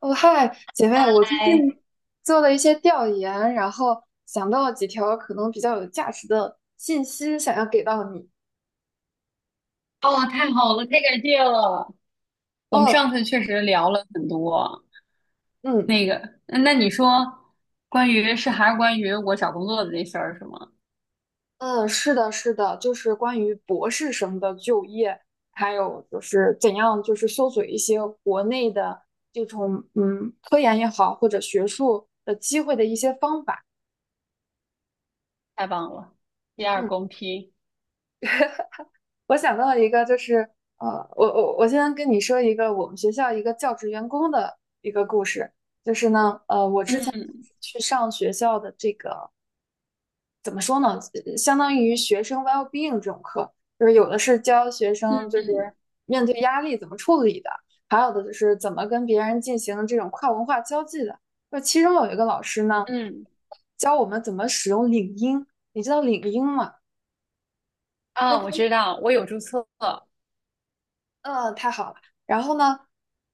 哦，嗨，姐妹，我最近哎，做了一些调研，然后想到了几条可能比较有价值的信息，想要给到你。哦，太好了，太感谢了。我们哦，上次确实聊了很多，嗯那你说关于是还是关于我找工作的这事儿是吗？嗯，是的，是的，就是关于博士生的就业，还有就是怎样就是搜索一些国内的这种科研也好，或者学术的机会的一些方法。太棒了，第二嗯。公批。我想到了一个，就是呃，我先跟你说一个我们学校一个教职员工的一个故事，就是呢，我之前嗯去上学校的这个怎么说呢，相当于学生 well-being 这种课，就是有的是教学生就嗯是面对压力怎么处理的，还有的就是怎么跟别人进行这种跨文化交际的。就其中有一个老师呢，嗯教我们怎么使用领英，你知道领英吗？那啊，个我知道，我有注册。嗯，太好了。然后呢，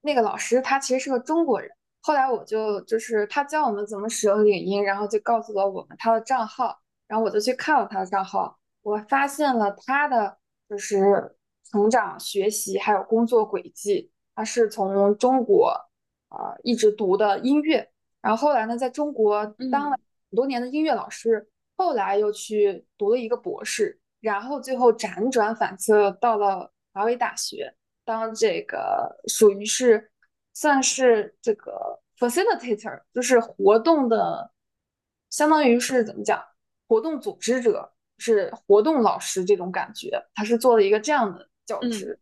那个老师他其实是个中国人。后来我就就是他教我们怎么使用领英，然后就告诉了我们他的账号。然后我就去看了他的账号，我发现了他的就是成长、学习还有工作轨迹。他是从中国啊、一直读的音乐，然后后来呢，在中国当了嗯很多年的音乐老师，后来又去读了一个博士，然后最后辗转反侧到了华为大学。当这个属于是算是这个 facilitator,就是活动的，相当于是怎么讲，活动组织者，是活动老师这种感觉，他是做了一个这样的教嗯职，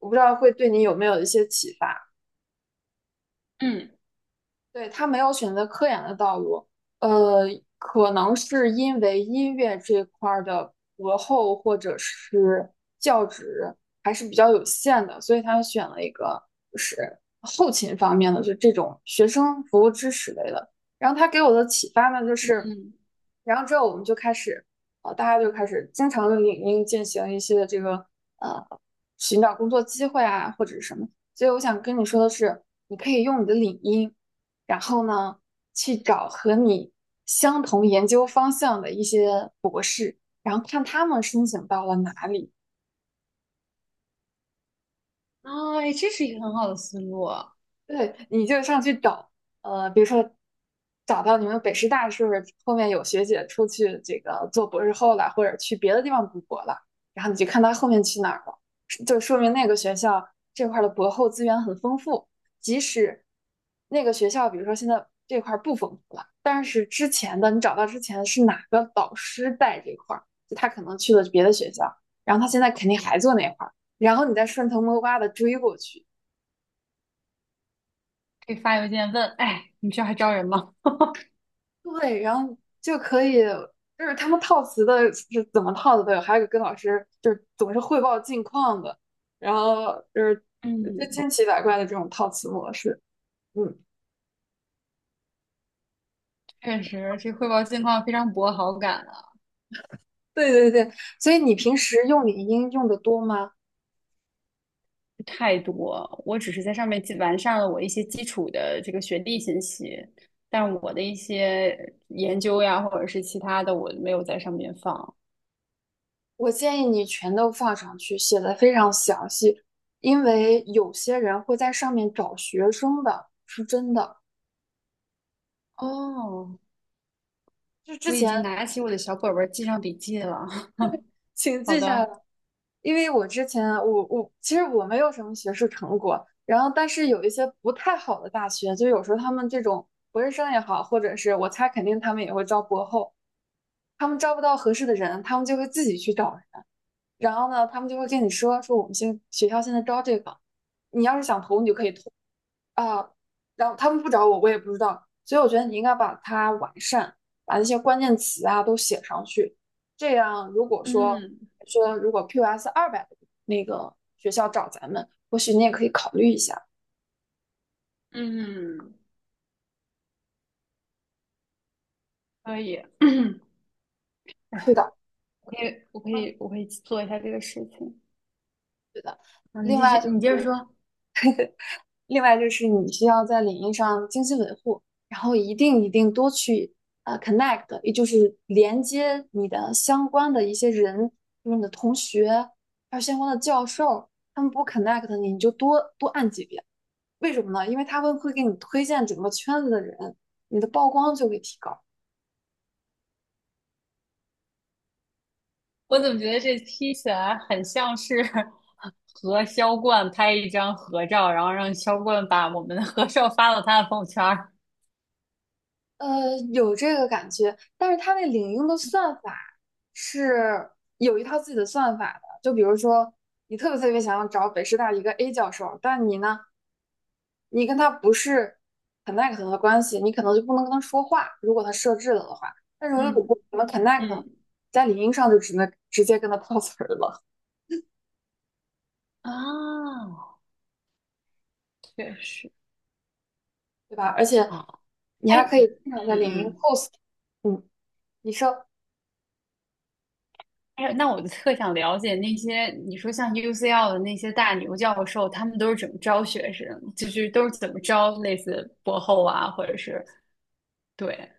我不知道会对你有没有一些启发。嗯对，他没有选择科研的道路，呃，可能是因为音乐这块儿的博后或者是教职还是比较有限的，所以他选了一个就是后勤方面的，就这种学生服务支持类的。然后他给我的启发呢，就是，嗯，然后之后我们就开始，大家就开始经常的领英进行一些这个呃寻找工作机会啊或者是什么。所以我想跟你说的是，你可以用你的领英。然后呢，去找和你相同研究方向的一些博士，然后看他们申请到了哪里，啊，哎这是一个很好的思路，对，你就上去找，比如说找到你们北师大是不是后面有学姐出去这个做博士后了，或者去别的地方读博了，然后你就看她后面去哪儿了，就说明那个学校这块儿的博后资源很丰富，即使那个学校比如说现在这块儿不丰富了，但是之前的你找到之前是哪个导师带这块儿，就他可能去了别的学校，然后他现在肯定还做那块儿，然后你再顺藤摸瓜的追过去。可以发邮件问，哎，你们学校还招人吗？对，然后就可以，就是他们套词的是怎么套的都有，还有跟老师就是总是汇报近况的，然后就是就嗯，千奇百怪的这种套词模式。嗯，确实，这汇报近况非常博好感啊。对对对，所以你平时用领英用的多吗？太多，我只是在上面基完善了我一些基础的这个学历信息，但我的一些研究呀，或者是其他的，我没有在上面放。我建议你全都放上去，写的非常详细，因为有些人会在上面找学生的，是真的。哦，就我之已经前拿起我的小本本儿记上笔记了。请好记下来。的，因为我之前啊我其实我没有什么学术成果，然后但是有一些不太好的大学，就有时候他们这种博士生也好，或者是我猜肯定他们也会招博后，他们招不到合适的人，他们就会自己去找人，然后呢，他们就会跟你说说我们现学校现在招这个，你要是想投你就可以投，啊，然后他们不找我，我也不知道。所以我觉得你应该把它完善，把那些关键词啊都写上去。这样，如果说嗯说如果 QS 200那个学校找咱们，或许你也可以考虑一下。嗯，可以，是的，我可以，我可以，嗯我可以做一下这个事情。对的。嗯，你另继续，外就你接着是说。另外就是你需要在领域上精心维护，然后一定一定多去connect,也就是连接你的相关的一些人，就是你的同学，还有相关的教授，他们不 connect 你，你就多多按几遍。为什么呢？因为他们会给你推荐整个圈子的人，你的曝光就会提高。我怎么觉得这听起来很像是 和销冠拍一张合照，然后让销冠把我们的合照发到他的朋友圈儿？有这个感觉，但是它那领英的算法是有一套自己的算法的。就比如说，你特别特别想要找北师大一个 A 教授，但你呢，你跟他不是很 connect 的关系，你可能就不能跟他说话，如果他设置了的话。但是如嗯果我们 connect,嗯在领英上就只能直接跟他套词儿了，啊，确实对吧？而且啊，你哎，还可以经常嗯在领英 嗯，post,嗯，你说哎，那我就特想了解那些你说像 UCL 的那些大牛教授，他们都是怎么招学生，就是都是怎么招类似博后啊，或者是对，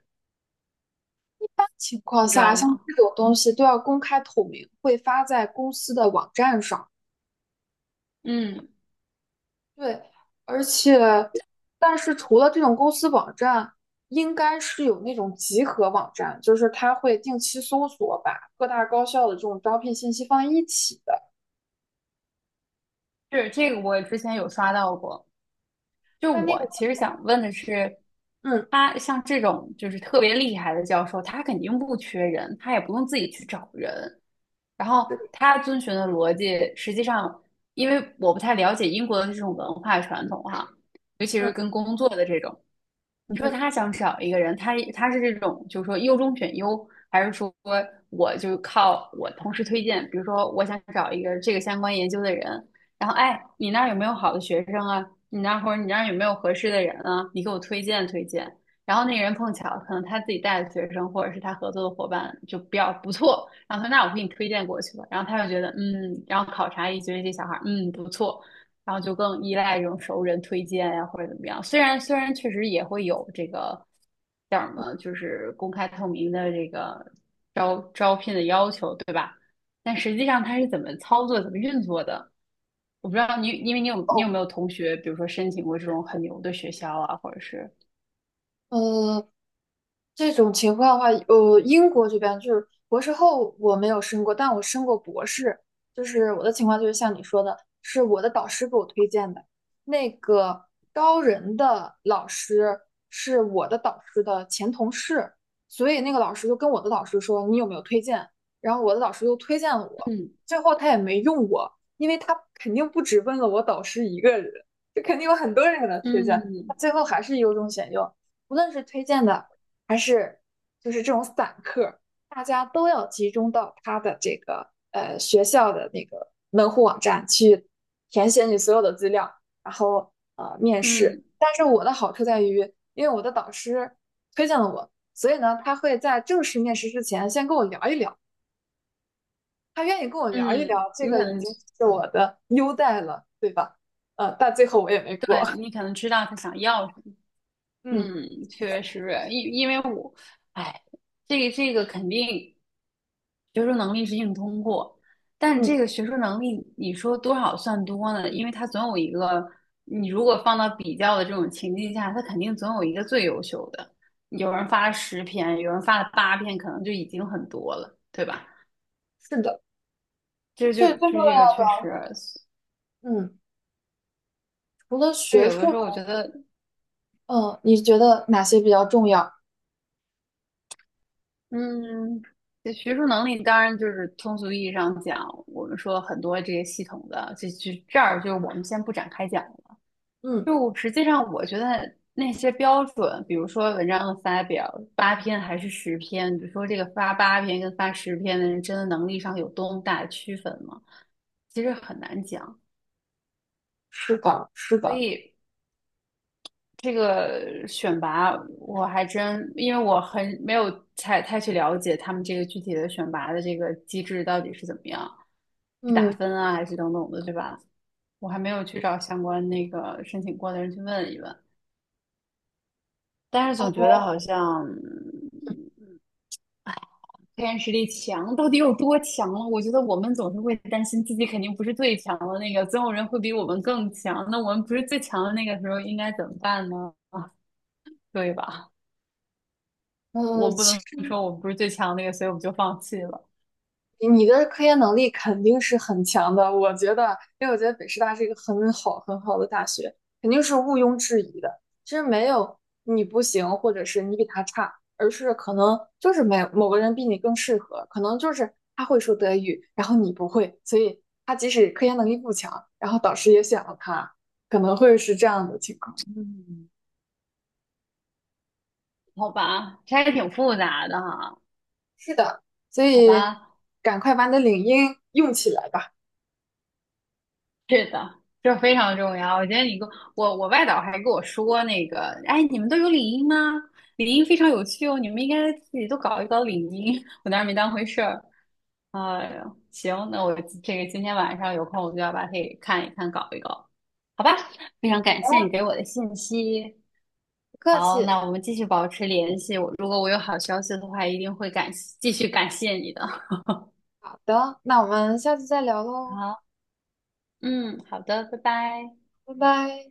一般情况你知下，道像吗？这种东西都要公开透明，会发在公司的网站上。嗯对，而且，但是除了这种公司网站，应该是有那种集合网站，就是它会定期搜索，把各大高校的这种招聘信息放在一起的。是这个，我之前有刷到过。就但那个，我其实想问的是，嗯他像这种就是特别厉害的教授，他肯定不缺人，他也不用自己去找人。然后他遵循的逻辑，实际上因为我不太了解英国的这种文化传统哈，尤其是嗯跟工作的这种，你说嗯，他想找一个人，他是这种，就是说优中选优，还是说我就靠我同事推荐？比如说，我想找一个这个相关研究的人，然后哎，你那儿有没有好的学生啊？你那儿或者你那儿有没有合适的人啊？你给我推荐推荐。然后那个人碰巧可能他自己带的学生或者是他合作的伙伴就比较不错，然后他说那我给你推荐过去吧。然后他就觉得嗯，然后考察一觉得这小孩儿嗯不错，然后就更依赖这种熟人推荐呀、或者怎么样。虽然确实也会有这个叫什么，就是公开透明的这个招聘的要求，对吧？但实际上它是怎么操作、怎么运作的，我不知道你，因为你有有没有同学，比如说申请过这种很牛的学校啊，或者是嗯这种情况的话，英国这边就是博士后我没有申过，但我申过博士。就是我的情况就是像你说的，是我的导师给我推荐的。那个高人的老师是我的导师的前同事，所以那个老师就跟我的导师说你有没有推荐，然后我的导师又推荐了我，嗯最后他也没用我，因为他肯定不只问了我导师一个人，就肯定有很多人给他推荐，他嗯最后还是优中选优。无论是推荐的。还是就是这种散客，大家都要集中到他学校的那个门户网站去填写你所有的资料，然后面试。嗯但是我的好处在于，因为我的导师推荐了我，所以呢，他会在正式面试之前先跟我聊一聊，他愿意跟我聊一嗯，聊，这你个可已能经是我的优待了，对吧？但最后我也没对过。你 可能知道他想要什么。嗯嗯，确实，因为我，哎，这个肯定。学术能力是硬通过，但是嗯，这个学术能力，你说多少算多呢？因为它总有一个，你如果放到比较的这种情境下，它肯定总有一个最优秀的。有人发了十篇，有人发了八篇，可能就已经很多了，对吧？是的，这所就以这个就这个确实，嗯，除了就学有术的时候我觉得，嗯，你觉得哪些比较重要？嗯，这学术能力当然就是通俗意义上讲，我们说很多这些系统的，这儿我们先不展开讲了。嗯就我实际上，我觉得那些标准，比如说文章的发表八篇还是十篇，比如说这个发八篇跟发十篇的人，真的能力上有多么大的区分吗？其实很难讲。是的，是所的，以这个选拔，我还真因为我很没有太去了解他们这个具体的选拔的这个机制到底是怎么样，是打嗯，分啊，还是等等的，对吧？我还没有去找相关那个申请过的人去问一问。但是总觉哦，得好像嗯黑暗实力强到底有多强了？我觉得我们总是会担心自己肯定不是最强的那个，总有人会比我们更强。那我们不是最强的那个时候应该怎么办呢？啊，对吧？我不其能实说我们不是最强的那个，所以我们就放弃了。你的科研能力肯定是很强的，我觉得，因为我觉得北师大是一个很好很好的大学，肯定是毋庸置疑的。其实没有你不行，或者是你比他差，而是可能就是没有某个人比你更适合，可能就是他会说德语，然后你不会，所以他即使科研能力不强，然后导师也选了他，可能会是这样的情况。嗯，好吧，这还挺复杂的哈。是的，所好以吧，赶快把你的领英用起来吧。是的，这非常重要。我觉得你跟我，我外导还跟我说那个，哎，你们都有领英吗？领英非常有趣哦，你们应该自己都搞一搞领英。我当时没当回事儿。哎呦，行，那我这个今天晚上有空，我就要把它给看一看，搞一搞，好吧？非常感谢你给我的信息。不客好，气。那我们继续保持联系。我如果我有好消息的话，一定会感继续感谢你的。好的，那我们下次再聊 喽，好，嗯，好的，拜拜。拜拜。